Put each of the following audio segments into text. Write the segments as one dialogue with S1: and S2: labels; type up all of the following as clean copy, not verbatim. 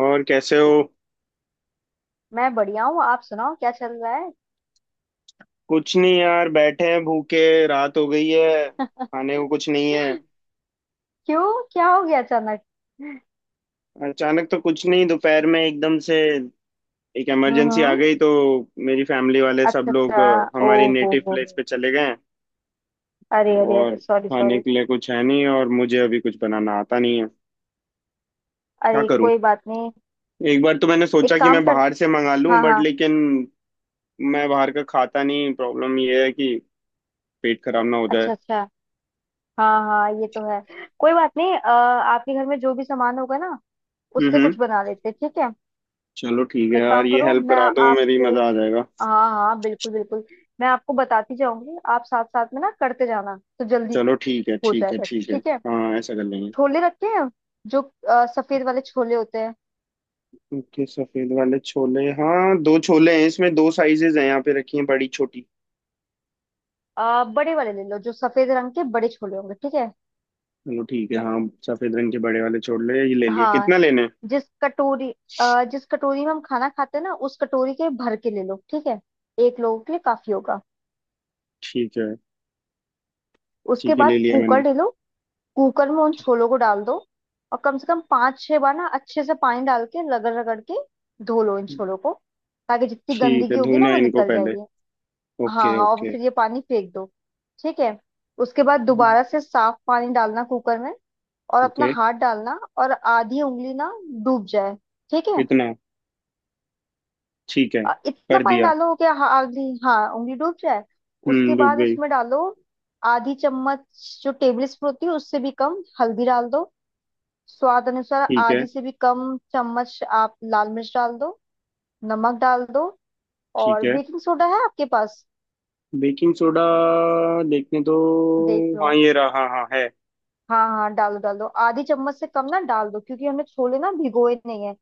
S1: और कैसे हो।
S2: मैं बढ़िया हूँ। आप सुनाओ क्या चल रहा है?
S1: कुछ नहीं यार, बैठे हैं भूखे। रात हो गई है, खाने को कुछ नहीं है।
S2: क्यों क्या हो गया अचानक?
S1: अचानक तो कुछ नहीं, दोपहर में एकदम से एक
S2: हम्म
S1: इमरजेंसी आ
S2: हम्म,
S1: गई तो मेरी फैमिली वाले सब
S2: अच्छा
S1: लोग
S2: अच्छा। ओ
S1: हमारी नेटिव
S2: हो
S1: प्लेस
S2: हो
S1: पे चले गए हैं।
S2: अरे अरे
S1: और
S2: अरे, सॉरी
S1: खाने
S2: सॉरी।
S1: के लिए कुछ है नहीं, और मुझे अभी कुछ बनाना आता नहीं है। क्या
S2: अरे
S1: करूं।
S2: कोई बात नहीं,
S1: एक बार तो मैंने सोचा
S2: एक
S1: कि
S2: काम
S1: मैं
S2: कर।
S1: बाहर से मंगा लूं,
S2: हाँ
S1: बट
S2: हाँ,
S1: लेकिन मैं बाहर का खाता नहीं, प्रॉब्लम ये है कि पेट खराब ना हो
S2: अच्छा
S1: जाए।
S2: अच्छा। हाँ हाँ, ये तो है। कोई बात नहीं, आपके घर में जो भी सामान होगा ना, उससे
S1: हम्म।
S2: कुछ बना लेते हैं, ठीक है।
S1: चलो ठीक है
S2: एक
S1: यार,
S2: काम
S1: ये
S2: करो,
S1: हेल्प
S2: मैं
S1: करा दो मेरी,
S2: आपको,
S1: मजा आ जाएगा।
S2: हाँ हाँ बिल्कुल बिल्कुल, मैं आपको बताती जाऊंगी, आप साथ साथ में ना करते जाना तो जल्दी
S1: चलो, ठीक है
S2: हो
S1: ठीक है
S2: जाएगा,
S1: ठीक है।
S2: ठीक है।
S1: हाँ ऐसा कर लेंगे।
S2: छोले रखे हैं, जो सफेद वाले छोले होते हैं।
S1: ओके, सफेद वाले छोले, हाँ दो छोले हैं इसमें, दो साइजेस हैं यहाँ पे रखी हैं, बड़ी छोटी।
S2: बड़े वाले ले लो, जो सफेद रंग के बड़े छोले होंगे, ठीक है।
S1: चलो ठीक है, हाँ। सफेद रंग के बड़े वाले छोले ये ले लिए,
S2: हाँ,
S1: कितना लेना है।
S2: जिस कटोरी, जिस कटोरी में हम खाना खाते हैं ना, उस कटोरी के भर के ले लो, ठीक है। एक लोगों के लिए काफी होगा।
S1: ठीक है।
S2: उसके
S1: ठीक है, ले
S2: बाद
S1: लिया मैंने।
S2: कुकर ले लो। कुकर में उन छोलों को डाल दो और कम से कम 5 6 बार ना अच्छे से पानी डाल के, रगड़ रगड़ के धो लो इन छोलों को, ताकि जितनी
S1: ठीक
S2: गंदगी
S1: है,
S2: होगी ना
S1: धोना
S2: वो
S1: है इनको
S2: निकल
S1: पहले।
S2: जाएगी। हाँ
S1: ओके
S2: हाँ, और
S1: ओके।
S2: फिर ये पानी फेंक दो, ठीक है। उसके बाद दोबारा से साफ पानी डालना कुकर में, और अपना
S1: ओके।
S2: हाथ डालना, और आधी उंगली ना डूब जाए, ठीक है।
S1: इतना। ठीक है।
S2: इतना
S1: कर
S2: पानी
S1: दिया।
S2: डालो कि आधी हाँ उंगली डूब जाए। उसके
S1: हम्म, डूब
S2: बाद
S1: गई।
S2: उसमें डालो आधी चम्मच, जो टेबल स्पून होती है उससे भी कम, हल्दी डाल दो। स्वाद अनुसार
S1: ठीक है।
S2: आधी से भी कम चम्मच आप लाल मिर्च डाल दो। नमक डाल दो।
S1: ठीक
S2: और
S1: है।
S2: बेकिंग सोडा है आपके पास?
S1: बेकिंग सोडा, देखने तो।
S2: देख लो।
S1: हाँ ये रहा, हाँ हाँ है।
S2: हाँ हाँ, डालो डालो, आधी चम्मच से कम ना डाल दो, क्योंकि हमने छोले ना भिगोए नहीं है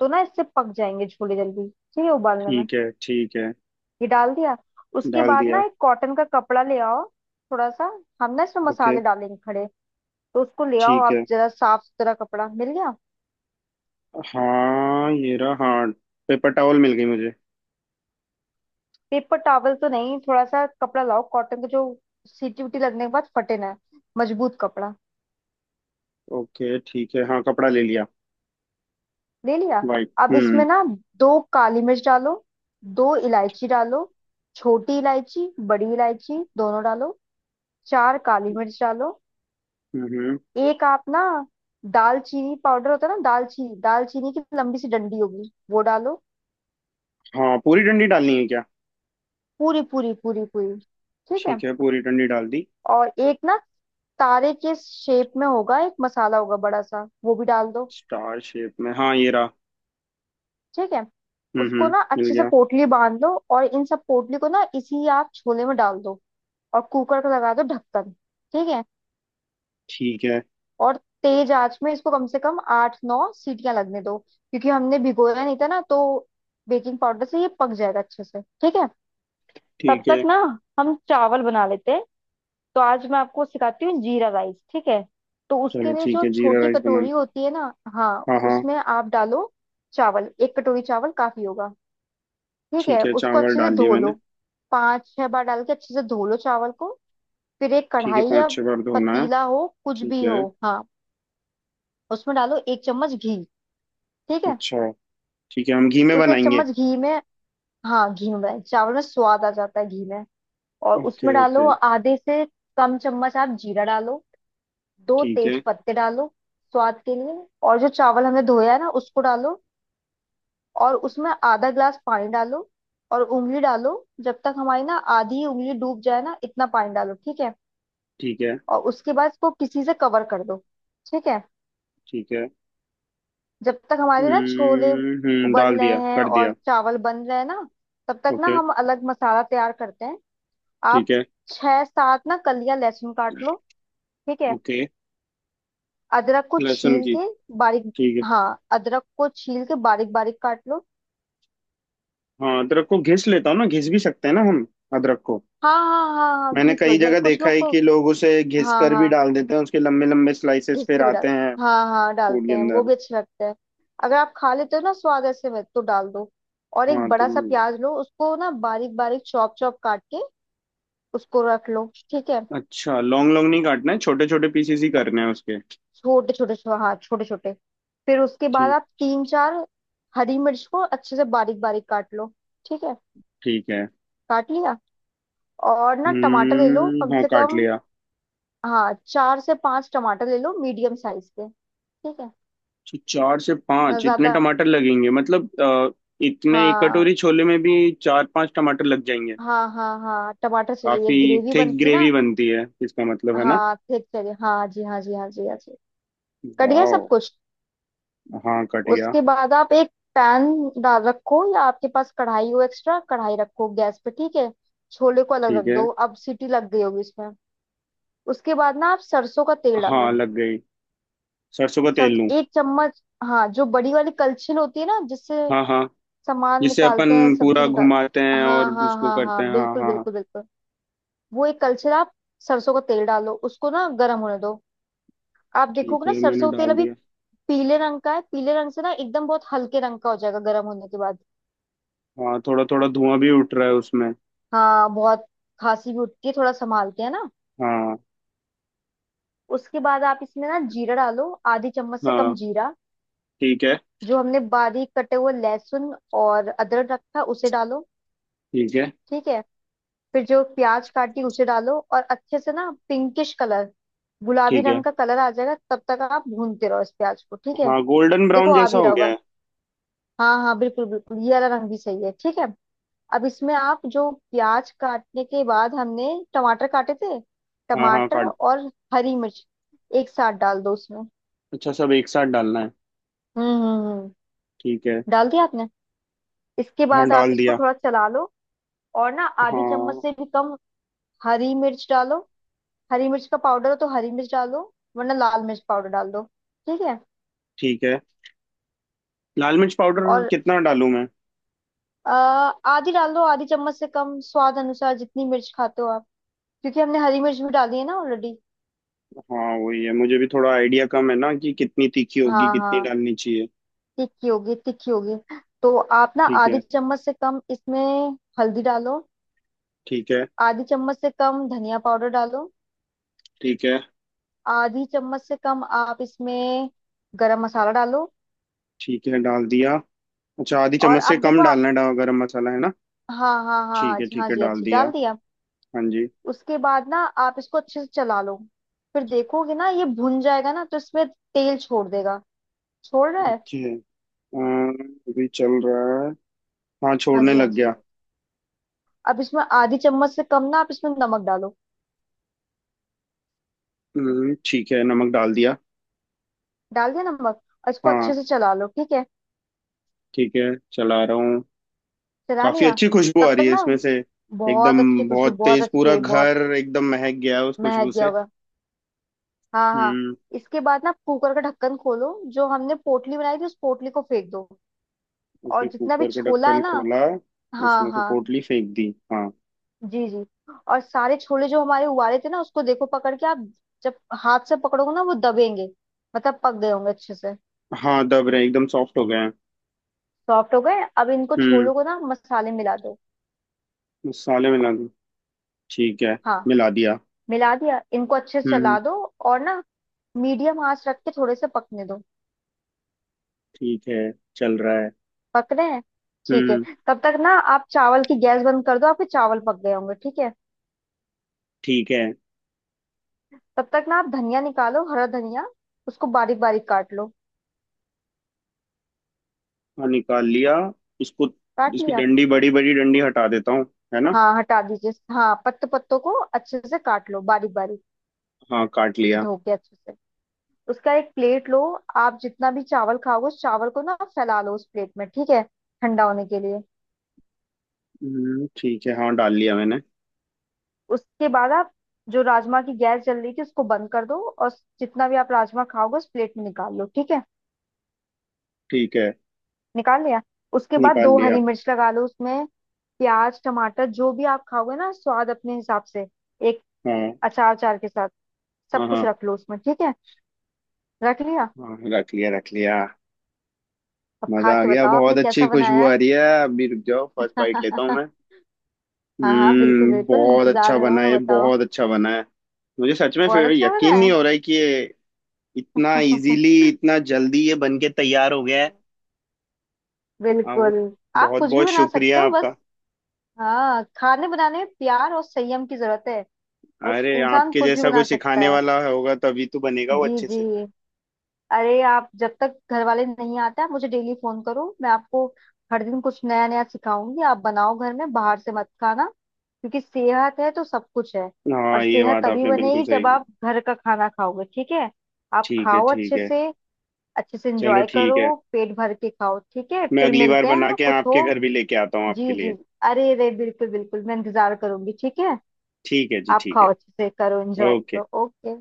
S2: तो ना इससे पक जाएंगे छोले जल्दी, ठीक है, उबालने में।
S1: ठीक है ठीक है।
S2: ये डाल दिया। उसके
S1: डाल
S2: बाद ना
S1: दिया।
S2: एक कॉटन का कपड़ा ले आओ, थोड़ा सा। हम ना इसमें
S1: ओके।
S2: मसाले डालेंगे खड़े, तो उसको ले आओ।
S1: ठीक
S2: आप
S1: है।
S2: जरा साफ सुथरा कपड़ा मिल गया?
S1: हाँ ये रहा, हाँ। पेपर टॉवल मिल गई मुझे।
S2: पेपर टॉवल तो नहीं, थोड़ा सा कपड़ा लाओ कॉटन का, जो सीटी उटी लगने के बाद फटे ना, मजबूत कपड़ा।
S1: ओके ठीक है, हाँ कपड़ा ले लिया।
S2: ले लिया।
S1: वाइट।
S2: अब
S1: हम्म।
S2: इसमें ना 2 काली मिर्च डालो, 2 इलायची डालो, छोटी इलायची बड़ी इलायची दोनों डालो, 4 काली मिर्च डालो।
S1: हम्म हम्म।
S2: एक आप ना, दालचीनी पाउडर होता है ना, दालचीनी, दालचीनी की लंबी सी डंडी होगी, वो डालो।
S1: हाँ पूरी डंडी डालनी है क्या।
S2: पूरी पूरी पूरी पूरी, ठीक है।
S1: ठीक है, पूरी डंडी डाल दी।
S2: और एक ना तारे के शेप में होगा, एक मसाला होगा बड़ा सा, वो भी डाल दो,
S1: स्टार शेप में, हाँ ये रहा।
S2: ठीक है। उसको
S1: हम्म,
S2: ना
S1: मिल
S2: अच्छे से
S1: गया।
S2: पोटली बांध लो, और इन सब पोटली को ना इसी आप छोले में डाल दो, और कुकर का लगा दो ढक्कन, ठीक है।
S1: ठीक है।
S2: और तेज आंच में इसको कम से कम 8 9 सीटियां लगने दो, क्योंकि हमने भिगोया नहीं था ना, तो बेकिंग पाउडर से ये पक जाएगा अच्छे से, ठीक है। तब
S1: ठीक
S2: तक
S1: है।
S2: ना हम चावल बना लेते हैं। तो आज मैं आपको सिखाती हूँ जीरा राइस, ठीक है। तो
S1: चलो
S2: उसके लिए
S1: ठीक
S2: जो
S1: है, जीरा
S2: छोटी
S1: राइस बनाना।
S2: कटोरी होती है ना। हाँ,
S1: हाँ हाँ।
S2: उसमें आप डालो चावल, 1 कटोरी चावल काफी होगा, ठीक
S1: ठीक
S2: है।
S1: है,
S2: उसको
S1: चावल
S2: अच्छे से
S1: डाल दिए
S2: धो
S1: मैंने।
S2: लो, 5 6 बार डाल के अच्छे से धो लो चावल को। फिर एक
S1: ठीक है,
S2: कढ़ाई या
S1: पाँच छह बार धोना है।
S2: पतीला हो कुछ
S1: ठीक
S2: भी
S1: है।
S2: हो। हाँ, उसमें डालो 1 चम्मच घी, ठीक है।
S1: अच्छा। ठीक है, हम घी में
S2: उस एक
S1: बनाएंगे।
S2: चम्मच घी में, हाँ घी में बनाए चावल में स्वाद आ जाता है घी में। और उसमें
S1: ओके
S2: डालो
S1: ओके।
S2: आधे से कम चम्मच आप जीरा डालो, दो
S1: ठीक
S2: तेज
S1: है
S2: पत्ते डालो स्वाद के लिए। और जो चावल हमने धोया है ना उसको डालो, और उसमें आधा ग्लास पानी डालो, और उंगली डालो, जब तक हमारी ना आधी उंगली डूब जाए ना, इतना पानी डालो, ठीक है।
S1: ठीक है
S2: और उसके बाद इसको किसी से कवर कर दो, ठीक है।
S1: ठीक है।
S2: जब तक हमारे ना छोले उबल
S1: डाल
S2: रहे
S1: दिया,
S2: हैं
S1: कर
S2: और
S1: दिया।
S2: चावल बन रहे हैं ना, तब तक ना
S1: ओके।
S2: हम अलग मसाला तैयार करते हैं। आप
S1: ठीक है।
S2: 6 7 ना कलियां लहसुन काट लो, ठीक है।
S1: ओके।
S2: अदरक को
S1: लहसुन
S2: छील
S1: की।
S2: के बारीक,
S1: ठीक है।
S2: हाँ अदरक को छील के बारीक बारीक काट लो।
S1: हाँ अदरक को घिस लेता हूँ ना, घिस भी सकते हैं ना हम, अदरक को।
S2: हाँ हाँ हाँ हाँ,
S1: मैंने
S2: घिस लो,
S1: कई
S2: जाए
S1: जगह
S2: कुछ
S1: देखा
S2: लोग
S1: है
S2: को।
S1: कि लोग उसे घिस
S2: हाँ
S1: कर भी
S2: हाँ,
S1: डाल देते हैं, उसके लंबे लंबे स्लाइसेस
S2: घिस
S1: फिर
S2: के भी
S1: आते
S2: डाल,
S1: हैं
S2: हाँ हाँ
S1: फूड
S2: डालते
S1: के
S2: हैं, वो
S1: अंदर।
S2: भी अच्छे लगते हैं। अगर आप खा लेते हो ना स्वाद ऐसे में, तो डाल दो। और एक
S1: हाँ
S2: बड़ा
S1: तुम।
S2: सा प्याज लो, उसको ना बारीक बारीक चॉप चॉप काट के उसको रख लो, ठीक है।
S1: अच्छा, लॉन्ग लॉन्ग नहीं काटना है, छोटे छोटे पीसेस ही करने हैं उसके।
S2: छोटे छोटे हाँ, छोटे छोटे। फिर उसके बाद
S1: ठीक।
S2: आप 3 4 हरी मिर्च को अच्छे से बारीक बारीक काट लो, ठीक है।
S1: ठीक है।
S2: काट लिया। और ना टमाटर ले लो
S1: हम्म,
S2: कम
S1: हाँ
S2: से
S1: काट
S2: कम,
S1: लिया।
S2: हाँ 4 से 5 टमाटर ले लो, मीडियम साइज के, ठीक है।
S1: तो चार से
S2: ना
S1: पांच इतने
S2: ज्यादा।
S1: टमाटर लगेंगे मतलब, इतने एक
S2: हाँ
S1: कटोरी छोले में भी चार पांच टमाटर लग जाएंगे।
S2: हाँ हाँ हाँ, टमाटर चाहिए,
S1: काफी
S2: ग्रेवी
S1: थिक
S2: बनती
S1: ग्रेवी
S2: ना।
S1: बनती है इसका मतलब है ना।
S2: हाँ, ठीक चाहिए, हाँ जी हाँ जी हाँ जी हाँ जी। कट गया सब
S1: वाह,
S2: कुछ।
S1: हाँ कट गया।
S2: उसके बाद आप एक पैन डाल रखो, या आपके पास कढ़ाई हो, एक्स्ट्रा कढ़ाई रखो गैस पे, ठीक है। छोले को अलग रख
S1: ठीक है।
S2: दो, अब सीटी लग गई होगी इसमें। उसके बाद ना आप सरसों का तेल
S1: हाँ
S2: डालो,
S1: लग गई। सरसों का
S2: सर,
S1: तेल लूं।
S2: एक चम्मच। हाँ जो बड़ी वाली कलछिल होती है ना, जिससे
S1: हाँ हाँ।
S2: सामान
S1: जिससे
S2: निकालते हैं,
S1: अपन
S2: सब्जी
S1: पूरा
S2: निकाल,
S1: घुमाते हैं
S2: हाँ
S1: और
S2: हाँ
S1: उसको
S2: हाँ
S1: करते
S2: हाँ
S1: हैं, हाँ
S2: बिल्कुल
S1: हाँ हाँ।
S2: बिल्कुल बिल्कुल। वो एक कलछिल आप, सरसों का तेल डालो, उसको ना गर्म होने दो। आप
S1: ठीक
S2: देखोगे ना
S1: है, मैंने
S2: सरसों का तेल
S1: डाल
S2: अभी
S1: दिया।
S2: पीले रंग का है, पीले रंग से ना एकदम बहुत हल्के रंग का हो जाएगा गर्म होने के बाद।
S1: हाँ थोड़ा थोड़ा धुआं भी उठ रहा है उसमें।
S2: हाँ बहुत, खांसी भी उठती है, थोड़ा संभालते हैं ना।
S1: हाँ।
S2: उसके बाद आप इसमें ना जीरा डालो, आधी चम्मच से कम
S1: हाँ।
S2: जीरा।
S1: ठीक है।
S2: जो हमने बारीक कटे हुए लहसुन और अदरक रखा है, उसे डालो,
S1: ठीक है।
S2: ठीक है। फिर जो प्याज काटी उसे डालो, और अच्छे से ना पिंकिश कलर, गुलाबी
S1: ठीक है।
S2: रंग का कलर आ जाएगा तब तक आप भूनते रहो इस प्याज को, ठीक है।
S1: हाँ गोल्डन
S2: देखो
S1: ब्राउन
S2: आ
S1: जैसा
S2: भी
S1: हो
S2: रहा
S1: गया
S2: होगा,
S1: है।
S2: हाँ हाँ बिल्कुल बिल्कुल, ये वाला रंग भी सही है, ठीक है। अब इसमें आप जो प्याज काटने के बाद हमने टमाटर काटे थे,
S1: हाँ हाँ
S2: टमाटर
S1: काट।
S2: और हरी मिर्च एक साथ डाल दो उसमें।
S1: अच्छा, सब एक साथ डालना है।
S2: हम्म हम्म हम्म,
S1: ठीक है,
S2: डाल दिया आपने। इसके
S1: हाँ
S2: बाद आप
S1: डाल
S2: इसको
S1: दिया।
S2: थोड़ा चला लो, और ना आधी चम्मच
S1: हाँ।
S2: से भी कम हरी मिर्च डालो, हरी मिर्च का पाउडर हो तो हरी मिर्च डालो, वरना लाल मिर्च पाउडर डाल दो, ठीक है।
S1: ठीक है। लाल मिर्च पाउडर
S2: और
S1: कितना डालूं मैं।
S2: अ, आधी डाल दो, आधी चम्मच से कम, स्वाद अनुसार जितनी मिर्च खाते हो आप, क्योंकि हमने हरी मिर्च भी डाली है ना ऑलरेडी।
S1: हाँ वही है, मुझे भी थोड़ा आइडिया कम है ना कि कितनी तीखी होगी,
S2: हाँ
S1: कितनी
S2: हाँ,
S1: डालनी चाहिए।
S2: तिक्की होगी तिक्की होगी। तो आप ना
S1: ठीक
S2: आधी
S1: है।
S2: चम्मच से कम इसमें हल्दी डालो।
S1: ठीक है।
S2: आधी चम्मच से कम धनिया पाउडर डालो।
S1: ठीक है।
S2: आधी चम्मच से कम आप इसमें गरम मसाला डालो।
S1: ठीक है, डाल दिया। अच्छा, आधी
S2: और
S1: चम्मच
S2: आप
S1: से कम
S2: देखो आप,
S1: डालना है, गरम मसाला है ना।
S2: हाँ हाँ हाँ
S1: ठीक
S2: हाँ
S1: है,
S2: जी
S1: ठीक
S2: हाँ
S1: है
S2: जी,
S1: डाल
S2: अच्छी
S1: दिया।
S2: डाल दिया।
S1: हाँ जी।
S2: उसके बाद ना आप इसको अच्छे से चला लो, फिर देखोगे ना ये भुन जाएगा ना, तो इसमें तेल छोड़ देगा। छोड़ रहा है,
S1: ओके। अम, अभी चल रहा है। हाँ,
S2: हाँ
S1: छोड़ने
S2: जी हाँ
S1: लग
S2: जी।
S1: गया।
S2: अब इसमें आधी चम्मच से कम ना आप इसमें नमक डालो।
S1: ठीक है नमक डाल दिया।
S2: डाल दिया नमक, और इसको
S1: हाँ।
S2: अच्छे से चला लो, ठीक है।
S1: ठीक है, चला रहा हूँ।
S2: चला
S1: काफी
S2: लिया,
S1: अच्छी खुशबू आ
S2: तब
S1: रही
S2: तक
S1: है
S2: ना,
S1: इसमें से। एकदम,
S2: बहुत अच्छी खुशबू,
S1: बहुत
S2: बहुत
S1: तेज पूरा
S2: अच्छी, बहुत।
S1: घर एकदम महक गया है उस खुशबू
S2: महक गया
S1: से।
S2: होगा, हाँ हाँ।
S1: हम्म।
S2: इसके बाद ना कुकर का ढक्कन खोलो, जो हमने पोटली बनाई थी उस पोटली को फेंक दो, और
S1: ओके
S2: जितना भी
S1: कुकर का
S2: छोला
S1: ढक्कन
S2: है ना,
S1: खोला।
S2: हाँ
S1: उसमें से
S2: हाँ,
S1: पोटली फेंक दी। हाँ।
S2: जी जी। और सारे छोले जो हमारे उबाले थे ना, उसको देखो पकड़ के आप, जब हाथ से पकड़ोगे ना वो दबेंगे, मतलब पक गए होंगे अच्छे से।
S1: हाँ दब रहे, एकदम सॉफ्ट हो गए हैं।
S2: सॉफ्ट हो गए, अब इनको
S1: हम्म,
S2: छोलों को ना मसाले मिला दो।
S1: मसाले मिला दो। ठीक है,
S2: हाँ,
S1: मिला दिया।
S2: मिला दिया इनको अच्छे से चला
S1: हम्म।
S2: दो, और ना मीडियम आंच रख के थोड़े से पकने दो,
S1: ठीक है, चल रहा है।
S2: पकने हैं, ठीक है।
S1: हम्म।
S2: तब तक ना आप चावल की गैस बंद कर दो, आपके चावल पक गए होंगे, ठीक है।
S1: ठीक है,
S2: तब तक ना आप धनिया निकालो, हरा धनिया, उसको बारीक बारीक काट लो।
S1: हाँ निकाल लिया इसको।
S2: काट
S1: इसकी
S2: लिया,
S1: डंडी, बड़ी बड़ी डंडी हटा देता हूँ, है ना।
S2: हाँ हटा दीजिए, हाँ पत्ते पत्तों को अच्छे से काट लो बारीक बारीक,
S1: हाँ काट लिया।
S2: धो के अच्छे से। उसका एक प्लेट लो, आप जितना भी चावल खाओगे उस चावल को ना फैला लो उस प्लेट में, ठीक है, ठंडा होने के लिए।
S1: ठीक है, हाँ डाल लिया मैंने।
S2: उसके बाद आप जो राजमा की गैस जल रही थी उसको बंद कर दो, और जितना भी आप राजमा खाओगे उस प्लेट में निकाल लो, ठीक है।
S1: ठीक है,
S2: निकाल लिया, उसके बाद
S1: निकाल
S2: दो
S1: लिया।
S2: हरी मिर्च लगा लो उसमें, प्याज टमाटर जो भी आप खाओगे ना स्वाद अपने हिसाब से, एक
S1: हाँ
S2: अचार, अचार के साथ
S1: हाँ।
S2: सब कुछ
S1: हाँ,
S2: रख लो उसमें, ठीक है। रख लिया,
S1: हाँ रख लिया रख लिया।
S2: अब
S1: मजा
S2: खा
S1: आ
S2: के
S1: गया,
S2: बताओ आपने
S1: बहुत अच्छी
S2: कैसा
S1: खुशबू
S2: बनाया
S1: आ
S2: है।
S1: रही है, अभी रुक जाओ फर्स्ट बाइट लेता हूँ मैं।
S2: हाँ हाँ बिल्कुल
S1: हम्म,
S2: बिल्कुल,
S1: बहुत अच्छा
S2: इंतजार में हूँ
S1: बना
S2: मैं,
S1: है,
S2: बताओ।
S1: बहुत अच्छा बना है। मुझे सच में
S2: बहुत
S1: फिर
S2: अच्छा बना
S1: यकीन नहीं
S2: है।
S1: हो रहा है कि ये इतना इजीली इतना जल्दी ये बन के तैयार हो गया है। हाँ वो,
S2: बिल्कुल, आप
S1: बहुत
S2: कुछ भी
S1: बहुत
S2: बना सकते
S1: शुक्रिया
S2: हो,
S1: आपका।
S2: बस, हाँ, खाने बनाने में प्यार और संयम की जरूरत है, और
S1: अरे
S2: इंसान
S1: आपके
S2: कुछ भी
S1: जैसा
S2: बना
S1: कोई
S2: सकता
S1: सिखाने
S2: है।
S1: वाला होगा तभी तो बनेगा वो
S2: जी
S1: अच्छे
S2: जी,
S1: से।
S2: अरे आप जब तक घर वाले नहीं आते आप मुझे डेली फोन करो, मैं आपको हर दिन कुछ नया नया सिखाऊंगी, आप बनाओ घर में, बाहर से मत खाना, क्योंकि सेहत है तो सब कुछ है। और
S1: हाँ ये
S2: सेहत
S1: बात
S2: तभी
S1: आपने बिल्कुल
S2: बनेगी
S1: सही
S2: जब
S1: की।
S2: आप घर का खाना खाओगे, ठीक है। आप
S1: ठीक है
S2: खाओ
S1: ठीक
S2: अच्छे
S1: है।
S2: से, अच्छे से
S1: चलो
S2: एंजॉय
S1: ठीक है,
S2: करो, पेट भर के खाओ, ठीक है,
S1: मैं
S2: फिर
S1: अगली बार
S2: मिलते हैं,
S1: बना
S2: हाँ
S1: के
S2: कुछ
S1: आपके
S2: हो।
S1: घर भी लेके आता हूँ आपके
S2: जी जी,
S1: लिए।
S2: अरे अरे बिल्कुल बिल्कुल, मैं इंतजार करूंगी, ठीक है।
S1: ठीक है जी,
S2: आप
S1: ठीक
S2: खाओ, अच्छे से करो,
S1: है।
S2: Enjoy
S1: okay.
S2: करो, ओके।